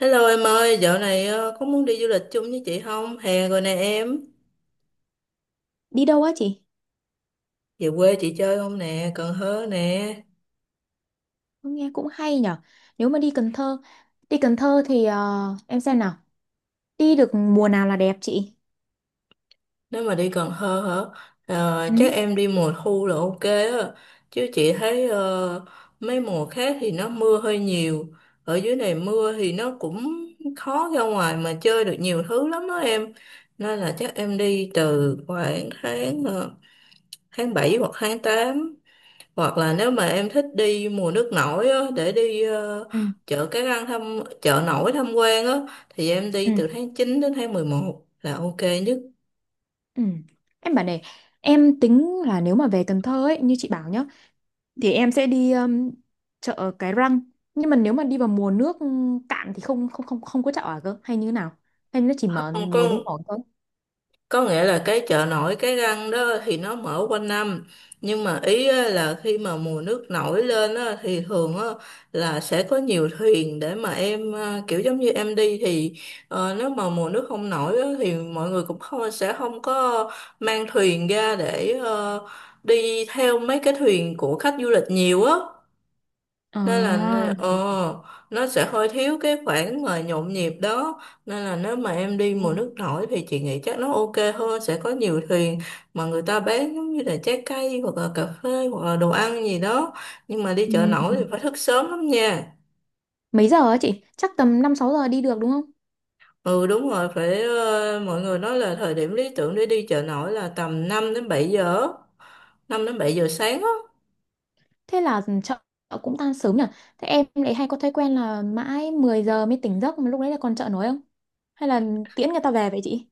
Hello em ơi, dạo này có muốn đi du lịch chung với chị không? Hè rồi nè em. Đi đâu á chị? Về quê chị chơi không nè, Cần Thơ nè. Nghe cũng hay nhở. Nếu mà đi Cần Thơ thì em xem nào. Đi được mùa nào là đẹp chị? Nếu mà đi Cần Thơ hả? Chắc Ừ, em đi mùa thu là ok á. Chứ chị thấy mấy mùa khác thì nó mưa hơi nhiều. Ở dưới này mưa thì nó cũng khó ra ngoài mà chơi được nhiều thứ lắm đó em. Nên là chắc em đi từ khoảng tháng tháng 7 hoặc tháng 8. Hoặc là nếu mà em thích đi mùa nước nổi á, để đi ừ, chợ Cái Răng thăm chợ nổi tham quan á thì em ừ, đi từ tháng 9 đến tháng 11 là ok nhất. ừ. Em bảo này, em tính là nếu mà về Cần Thơ ấy, như chị bảo nhá, thì em sẽ đi chợ Cái Răng. Nhưng mà nếu mà đi vào mùa nước cạn thì không không không không có chợ ở cơ, hay như thế nào? Hay nó chỉ mở Còn mùa nước nổi thôi? có nghĩa là cái chợ nổi Cái Răng đó thì nó mở quanh năm, nhưng mà ý á là khi mà mùa nước nổi lên á, thì thường á, là sẽ có nhiều thuyền để mà em à, kiểu giống như em đi thì nếu mà mùa nước không nổi á, thì mọi người cũng không sẽ không có mang thuyền ra để đi theo mấy cái thuyền của khách du lịch nhiều á, nên là nè, À, đúng nó sẽ hơi thiếu cái khoảng mà nhộn nhịp đó, nên là nếu mà em đi mùa rồi. nước nổi thì chị nghĩ chắc nó ok hơn, sẽ có nhiều thuyền mà người ta bán giống như là trái cây hoặc là cà phê hoặc là đồ ăn gì đó. Nhưng mà đi chợ Ừ. nổi thì phải thức sớm lắm nha. Mấy giờ á chị? Chắc tầm 5-6 giờ đi được đúng không? Ừ đúng rồi, phải mọi người nói là thời điểm lý tưởng để đi chợ nổi là tầm 5 đến 7 giờ, 5 đến 7 giờ sáng á. Thế là chợ cũng tan sớm nhỉ? Thế em lại hay có thói quen là mãi 10 giờ mới tỉnh giấc mà lúc đấy là còn chợ nổi không? Hay là tiễn người ta về vậy chị?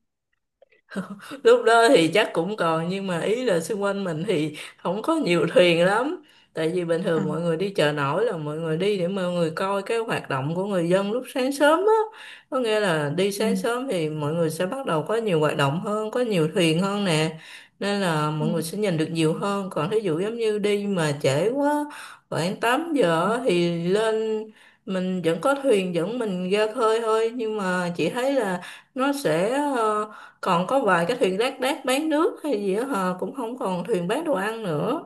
Lúc đó thì chắc cũng còn, nhưng mà ý là xung quanh mình thì không có nhiều thuyền lắm, tại vì bình À. thường mọi người đi chợ nổi là mọi người đi để mọi người coi cái hoạt động của người dân lúc sáng sớm á. Có nghĩa là đi Ừ. sáng sớm thì mọi người sẽ bắt đầu có nhiều hoạt động hơn, có nhiều thuyền hơn nè, nên là Ừ. mọi người sẽ nhìn được nhiều hơn. Còn thí dụ giống như đi mà trễ quá, khoảng 8 Ừ. giờ á, thì lên mình vẫn có thuyền, vẫn mình ra khơi thôi, nhưng mà chị thấy là nó sẽ ờ, còn có vài cái thuyền lác đác bán nước hay gì đó, hờ cũng không còn thuyền bán đồ ăn nữa.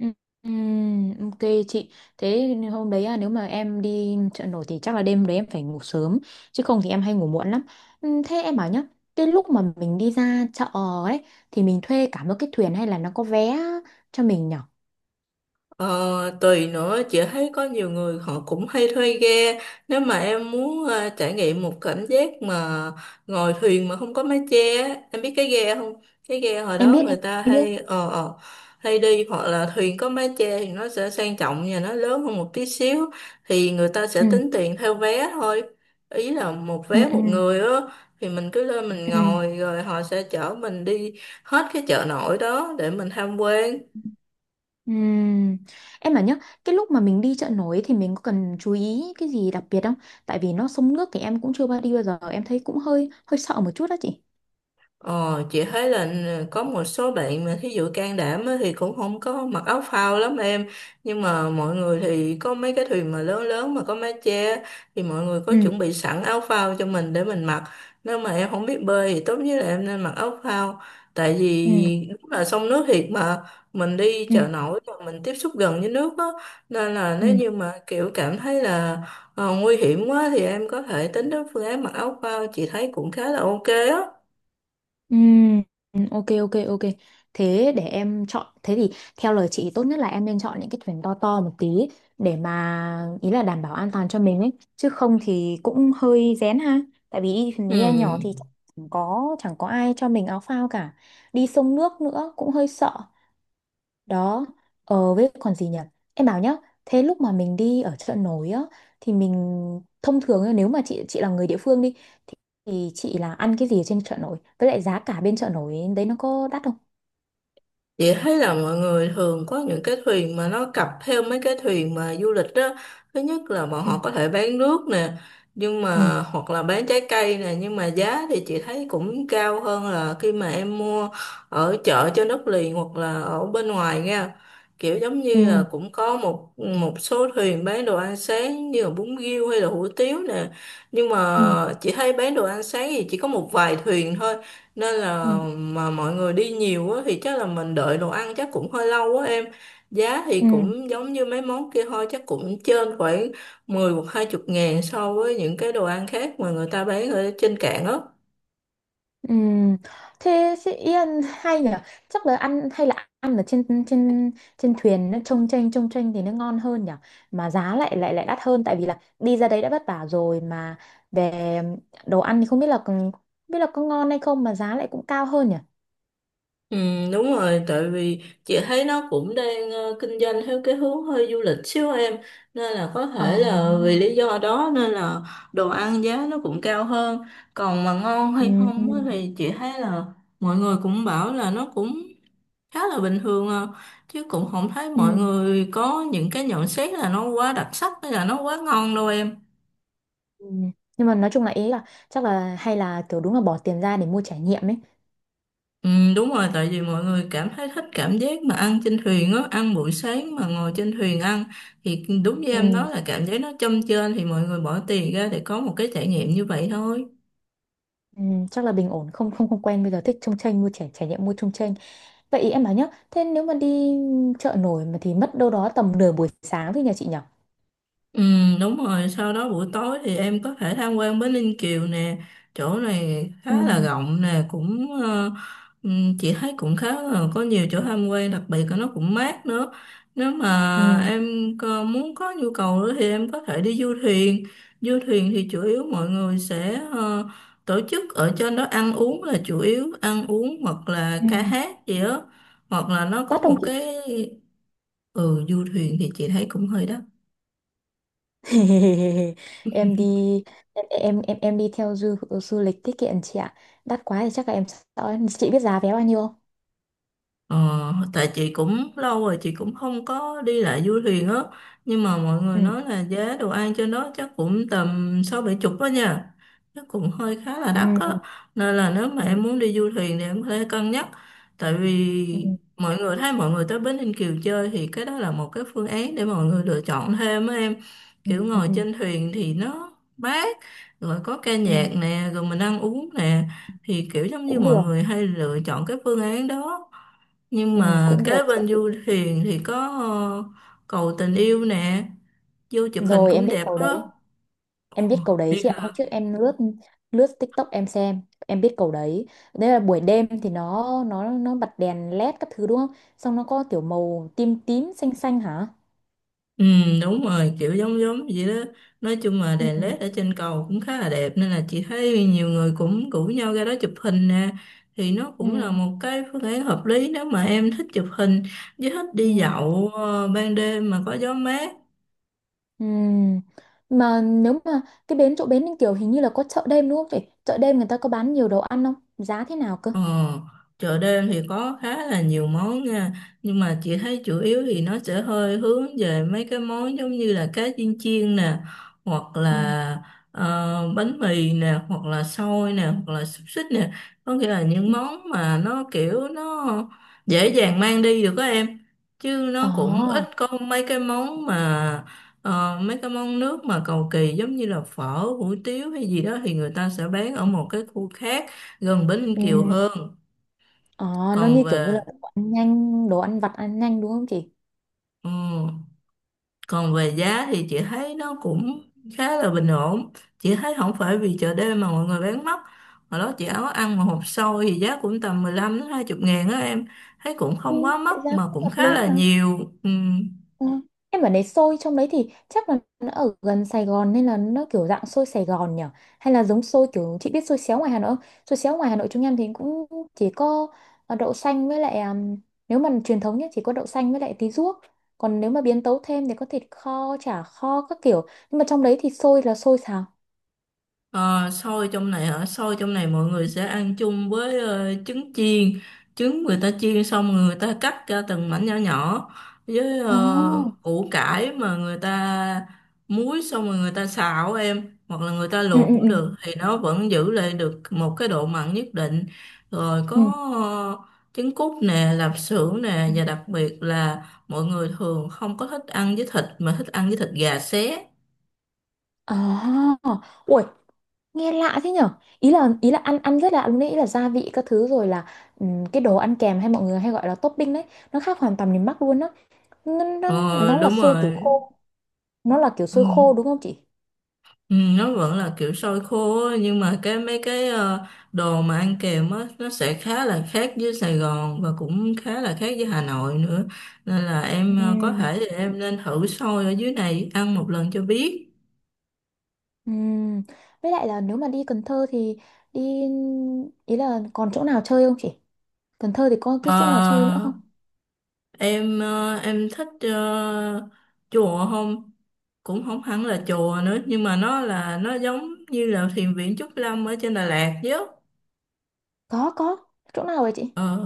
Ừ. Ừ, ok chị. Thế nên hôm đấy à, nếu mà em đi chợ nổi thì chắc là đêm đấy em phải ngủ sớm. Chứ không thì em hay ngủ muộn lắm. Ừ, thế em bảo nhá. Cái lúc mà mình đi ra chợ ấy thì mình thuê cả một cái thuyền hay là nó có vé cho mình nhở? Ờ, tùy nữa, chị thấy có nhiều người họ cũng hay thuê ghe. Nếu mà em muốn trải nghiệm một cảm giác mà ngồi thuyền mà không có mái che á, em biết cái ghe không, cái ghe hồi Em đó biết, người em ta biết. hay hay đi, hoặc là thuyền có mái che thì nó sẽ sang trọng và nó lớn hơn một tí xíu, thì người ta sẽ Ừ. tính tiền theo vé thôi, ý là một Ừ. vé Ừ. một người á, thì mình cứ lên mình Ừ. ngồi rồi họ sẽ chở mình đi hết cái chợ nổi đó để mình tham quan. Ừm, em bảo nhá, cái lúc mà mình đi chợ nổi thì mình có cần chú ý cái gì đặc biệt không? Tại vì nó sông nước thì em cũng chưa bao đi bao giờ, em thấy cũng hơi hơi sợ một chút đó chị. Ờ, chị thấy là ừ, có một số bạn mà thí dụ can đảm á, thì cũng không có mặc áo phao lắm em, nhưng mà mọi người thì có mấy cái thuyền mà lớn lớn mà có mái che thì mọi người có Ừ, chuẩn bị sẵn áo phao cho mình để mình mặc. Nếu mà em không biết bơi thì tốt nhất là em nên mặc áo phao, tại ừ, vì đúng là sông nước thiệt mà, mình đi ừ, chợ nổi và mình tiếp xúc gần với nước á, nên là ừ, nếu như mà kiểu cảm thấy là nguy hiểm quá thì em có thể tính đến phương án mặc áo phao, chị thấy cũng khá là ok á. ừ, ừ, ok, ok, ok. Thế để em chọn, thế thì theo lời chị tốt nhất là em nên chọn những cái thuyền to to một tí để mà ý là đảm bảo an toàn cho mình ấy, chứ không thì cũng hơi rén ha. Tại vì đi Ừ. thuyền ghe nhỏ thì chẳng có ai cho mình áo phao cả. Đi sông nước nữa cũng hơi sợ. Đó, với còn gì nhỉ? Em bảo nhá, thế lúc mà mình đi ở chợ nổi á thì mình thông thường ấy, nếu mà chị là người địa phương đi thì, thì chị là ăn cái gì ở trên chợ nổi? Với lại giá cả bên chợ nổi đấy nó có đắt không? Chị thấy là mọi người thường có những cái thuyền mà nó cặp theo mấy cái thuyền mà du lịch đó. Thứ nhất là bọn Ừ. họ có thể bán nước nè, nhưng Ừ. mà hoặc là bán trái cây nè, nhưng mà giá thì chị thấy cũng cao hơn là khi mà em mua ở chợ trên đất liền hoặc là ở bên ngoài nha. Kiểu giống Ừ. như là cũng có một một số thuyền bán đồ ăn sáng như là bún riêu hay là hủ tiếu nè. Nhưng mà Ừ. chị thấy bán đồ ăn sáng thì chỉ có một vài thuyền thôi, nên Ừ. là mà mọi người đi nhiều á thì chắc là mình đợi đồ ăn chắc cũng hơi lâu quá em. Giá thì Ừ. cũng giống như mấy món kia thôi, chắc cũng trên khoảng 10 hoặc hai chục ngàn so với những cái đồ ăn khác mà người ta bán ở trên cạn á. Ừm, thế chị Yên hay nhỉ, chắc là ăn hay là ăn ở trên trên trên thuyền nó trông chênh thì nó ngon hơn nhỉ, mà giá lại lại lại đắt hơn tại vì là đi ra đấy đã vất vả rồi, mà về đồ ăn thì không biết là không biết là có ngon hay không mà giá lại cũng cao hơn nhỉ. Ừ, đúng rồi, tại vì chị thấy nó cũng đang kinh doanh theo cái hướng hơi du lịch xíu em, nên là có Ờ. thể là vì lý do đó nên là đồ ăn giá nó cũng cao hơn. Còn mà ngon Ừ, hay ừ, không á thì chị thấy là mọi người cũng bảo là nó cũng khá là bình thường à, chứ cũng không thấy mọi ừ. người có những cái nhận xét là nó quá đặc sắc hay là nó quá ngon đâu em. Ừ. Nhưng mà nói chung là ý là chắc là hay là kiểu đúng là bỏ tiền ra để mua trải nghiệm ấy. Ừ, đúng rồi, tại vì mọi người cảm thấy thích cảm giác mà ăn trên thuyền á, ăn buổi sáng mà ngồi trên thuyền ăn, thì đúng như Ừ, em nói là cảm giác nó châm chênh, thì mọi người bỏ tiền ra để có một cái trải nghiệm như vậy thôi. ừ. Chắc là bình ổn, không không không quen bây giờ thích trông chênh, mua trải trải nghiệm mua trông chênh. Vậy ý em bảo nhá, thế nếu mà đi chợ nổi mà thì mất đâu đó tầm nửa buổi sáng thôi nhà chị nhở? Ừ, đúng rồi, sau đó buổi tối thì em có thể tham quan Bến Ninh Kiều nè, chỗ này Ừ, khá là rộng nè, cũng chị thấy cũng khá là có nhiều chỗ tham quan, đặc biệt là nó cũng mát nữa. Nếu ừ, mà em muốn có nhu cầu nữa thì em có thể đi du thuyền. Du thuyền thì chủ yếu mọi người sẽ tổ chức ở trên đó ăn uống là chủ yếu, ăn uống hoặc là ừ. ca hát gì đó, hoặc là nó có Tắt không một chị? cái, ừ du thuyền thì chị thấy cũng hơi đắt. Em đi em đi theo du du lịch tiết kiệm chị ạ. Đắt quá thì chắc là em sợ. Chị biết giá vé bao nhiêu không? Ờ, tại chị cũng lâu rồi chị cũng không có đi lại du thuyền á, nhưng mà mọi người Ừ, nói là giá đồ ăn trên đó chắc cũng tầm sáu bảy chục đó nha, chắc cũng hơi khá là đắt á, ừ, nên là nếu mà ừ, em muốn đi du thuyền thì em có thể cân nhắc, tại ừ, vì mọi người thấy mọi người tới Bến Ninh Kiều chơi thì cái đó là một cái phương án để mọi người lựa chọn thêm á em. ừ, Kiểu ừ, ngồi ừ. trên thuyền thì nó mát, rồi có ca Ừ, nhạc nè, rồi mình ăn uống nè, thì kiểu giống như cũng mọi được. người hay lựa chọn cái phương án đó. Nhưng Ừ, mà cũng được kế chị ạ. bên du thuyền thì có ờ, cầu tình yêu nè, vô chụp hình Rồi em cũng biết đẹp cầu á. đấy. Em biết câu đấy Biết chị ạ. Hôm hả, trước em lướt lướt TikTok em xem, em biết câu đấy. Đấy là buổi đêm thì nó bật đèn LED các thứ đúng không? Xong nó có kiểu màu tím tím xanh xanh hả? ừ đúng rồi, kiểu giống giống vậy đó, nói chung là Ừ. đèn LED ở trên cầu cũng khá là đẹp nên là chị thấy nhiều người cũng rủ nhau ra đó chụp hình nè, thì nó Ừ. cũng là một cái phương án hợp lý nếu mà em thích chụp hình với thích đi Ừ. dạo ban đêm mà có gió mát. Ừ. Mà nếu mà cái bến chỗ bến Ninh Kiều hình như là có chợ đêm đúng không chị? Chợ đêm người ta có bán nhiều đồ ăn không? Giá thế nào cơ? Ờ, chợ đêm thì có khá là nhiều món nha, nhưng mà chị thấy chủ yếu thì nó sẽ hơi hướng về mấy cái món giống như là cá chiên chiên nè, hoặc Ừ. là bánh mì nè hoặc là xôi nè hoặc là xúc xích nè, có nghĩa là những Ừ. món mà nó kiểu nó dễ dàng mang đi được á em, chứ Ờ. nó cũng ít có mấy cái món mà mấy cái món nước mà cầu kỳ giống như là phở hủ tiếu hay gì đó thì người ta sẽ bán ở một cái khu khác gần Bến Ninh Ừ. Kiều hơn. Ờ, nó Còn như kiểu như là về đồ ăn nhanh, đồ ăn vặt ăn nhanh đúng không chị? ừ, còn về giá thì chị thấy nó cũng khá là bình ổn, chị thấy không phải vì chợ đêm mà mọi người bán mắc. Hồi đó chị áo ăn mà hộp xôi thì giá cũng tầm 15 đến 20 ngàn á em, thấy cũng Ừ, không quá mắc vậy ra mà cũng cũng hợp lý khá là mà. nhiều. Ừ, Ờ, em bảo đấy xôi trong đấy thì chắc là nó ở gần Sài Gòn nên là nó kiểu dạng xôi Sài Gòn nhỉ? Hay là giống xôi kiểu chị biết xôi xéo ngoài Hà Nội không? Xôi xéo ngoài Hà Nội chúng em thì cũng chỉ có đậu xanh với lại nếu mà truyền thống nhé chỉ có đậu xanh với lại tí ruốc. Còn nếu mà biến tấu thêm thì có thịt kho, chả kho các kiểu. Nhưng mà trong đấy thì xôi là xôi xào. ờ, xôi trong này hả? Xôi trong này mọi người sẽ ăn chung với trứng chiên. Trứng người ta chiên xong người ta cắt ra từng mảnh nhỏ nhỏ, với Ồ. Củ cải mà người ta muối xong rồi người ta xào em, hoặc là người ta Ừ, luộc ừ, cũng ừ. được, thì nó vẫn giữ lại được một cái độ mặn nhất định. Rồi có Ừ. ờ, trứng cút nè, lạp xưởng nè, và đặc biệt là mọi người thường không có thích ăn với thịt mà thích ăn với thịt gà xé. À, ui, nghe lạ thế nhở. Ý là ăn ăn rất lạ luôn đấy, ý là gia vị các thứ rồi là cái đồ ăn kèm hay mọi người hay gọi là topping đấy, nó khác hoàn toàn miền Bắc luôn á. nó, nó, Ờ nó là đúng xôi kiểu rồi. khô nó là kiểu Ừ. xôi khô đúng không chị? Ừ, nó vẫn là kiểu xôi khô á, nhưng mà cái mấy cái đồ mà ăn kèm á nó sẽ khá là khác với Sài Gòn và cũng khá là khác với Hà Nội nữa, nên là em có Ừm. thể thì em nên thử xôi ở dưới này ăn một lần cho biết. Ừm, với lại là nếu mà đi Cần Thơ thì đi, ý là còn chỗ nào chơi không chị? Cần Thơ thì có cái Ờ, chỗ nào chơi nữa không? em em thích chùa không, cũng không hẳn là chùa nữa, nhưng mà nó là nó giống như là thiền viện Trúc Lâm ở trên Đà Lạt chứ. Có, có chỗ nào vậy chị? Ờ,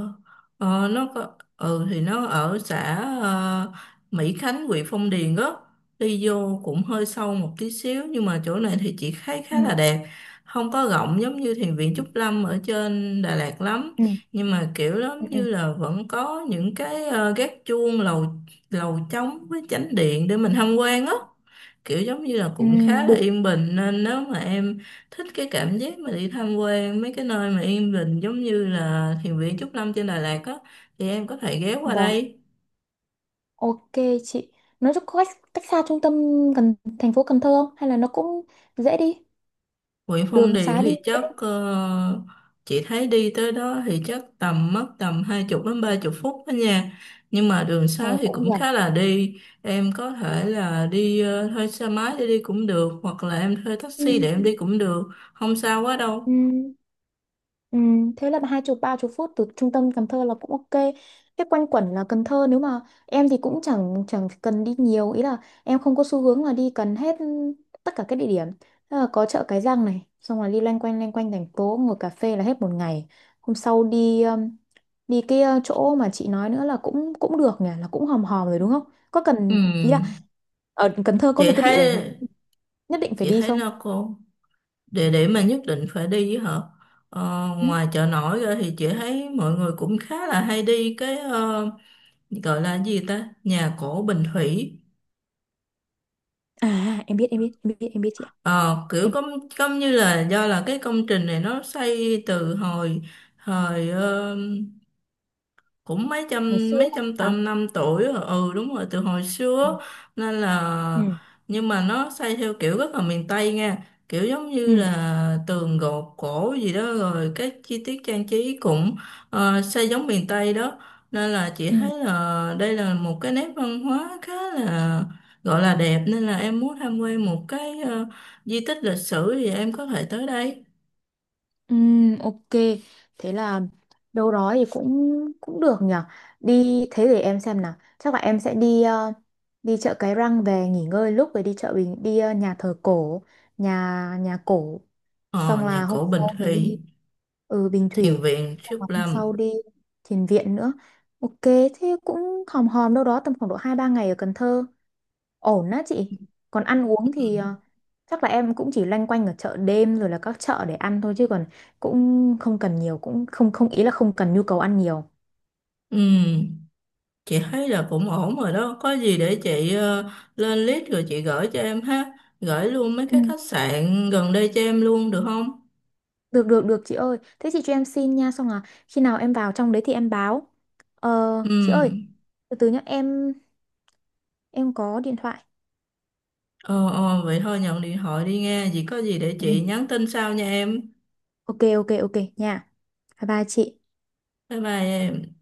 nó có, ừ thì nó ở xã ờ, Mỹ Khánh huyện Phong Điền đó, đi vô cũng hơi sâu một tí xíu, nhưng mà chỗ này thì chị thấy Ừ. khá là đẹp, không có rộng giống như thiền viện Trúc Lâm ở trên Đà Lạt lắm, Ừ. nhưng mà kiểu giống Ừ. Ừ. như là vẫn có những cái gác chuông lầu lầu trống với chánh điện để mình tham quan á, kiểu giống như là cũng Ừm, khá là yên bình, nên nếu mà em thích cái cảm giác mà đi tham quan mấy cái nơi mà yên bình giống như là thiền viện Trúc Lâm trên Đà Lạt á thì em có thể ghé qua được. đây. Ok chị, nó có cách xa trung tâm gần thành phố Cần Thơ không? Hay là nó cũng dễ đi, Huyện Phong đường Điền xá đi. thì chắc chị thấy đi tới đó thì chắc tầm mất tầm hai chục đến ba chục phút đó nha, nhưng mà đường xá thì Cũng cũng gần. khá là đi, em có thể là đi thuê xe máy để đi cũng được hoặc là em thuê Ừ, taxi để em đi cũng được, không sao quá ừ, đâu. ừ. Thế là 20-30 phút từ trung tâm Cần Thơ là cũng ok. Thế quanh quẩn là Cần Thơ nếu mà em thì cũng chẳng chẳng cần đi nhiều, ý là em không có xu hướng là đi cần hết tất cả các địa điểm. Thế là có chợ Cái Răng này, xong rồi đi loanh quanh thành phố ngồi cà phê là hết một ngày. Hôm sau đi đi cái chỗ mà chị nói nữa là cũng cũng được nhỉ, là cũng hòm hòm rồi đúng không? Có cần ý là Ừ, ở Cần Thơ có chị một cái địa điểm thấy nào nhất định phải chị đi thấy không? là địa điểm mà nhất định phải đi với hả, Ừ. ngoài chợ nổi ra thì chị thấy mọi người cũng khá là hay đi cái gọi là gì ta, nhà cổ Bình Thủy. À, em biết, em biết, em biết, em biết chị ạ, Ờ, kiểu em biết. công công như là do là cái công trình này nó xây từ hồi thời, cũng mấy Ngày trăm xưa ấy. mấy trăm Hả? tôm năm tuổi rồi, ừ đúng rồi từ hồi Ừ, xưa, nên là, nhưng mà nó xây theo kiểu rất là miền Tây nha, kiểu giống như ừ, là tường gột cổ gì đó rồi các chi tiết trang trí cũng xây giống miền Tây đó, nên là chị ừ. thấy là đây là một cái nét văn hóa khá là, gọi là đẹp, nên là em muốn tham quan một cái di tích lịch sử thì em có thể tới đây. Ok, thế là đâu đó thì cũng cũng được nhỉ, đi thế để em xem nào, chắc là em sẽ đi đi chợ Cái Răng về nghỉ ngơi lúc rồi đi chợ Bình đi nhà thờ cổ, nhà nhà cổ, Ờ xong nhà là hôm cổ Bình sau thì đi. Thủy. Ừ, Bình Thiền Thủy. viện Xong Trúc là hôm sau Lâm. đi Thiền Viện nữa. Ok, thế cũng hòm hòm đâu đó tầm khoảng độ 2-3 ngày ở Cần Thơ, ổn á chị? Còn ăn uống Ừ. thì chắc là em cũng chỉ loanh quanh ở chợ đêm rồi là các chợ để ăn thôi, chứ còn cũng không cần nhiều, cũng không không ý là không cần nhu cầu ăn nhiều. Ừ. Chị thấy là cũng ổn rồi đó, có gì để chị lên list rồi chị gửi cho em ha, gửi luôn mấy Ừ. cái khách sạn gần đây cho em luôn được không? Được, được, được, chị ơi, thế chị cho em xin nha, xong là khi nào em vào trong đấy thì em báo. ờ, Ừ, chị ơi, từ từ nhá em có điện thoại. Ờ, vậy thôi nhận điện thoại đi nghe, gì có gì để Ừ. chị nhắn tin sau nha em. Ok, ok, ok nha. Bye bye chị. Bye bye em.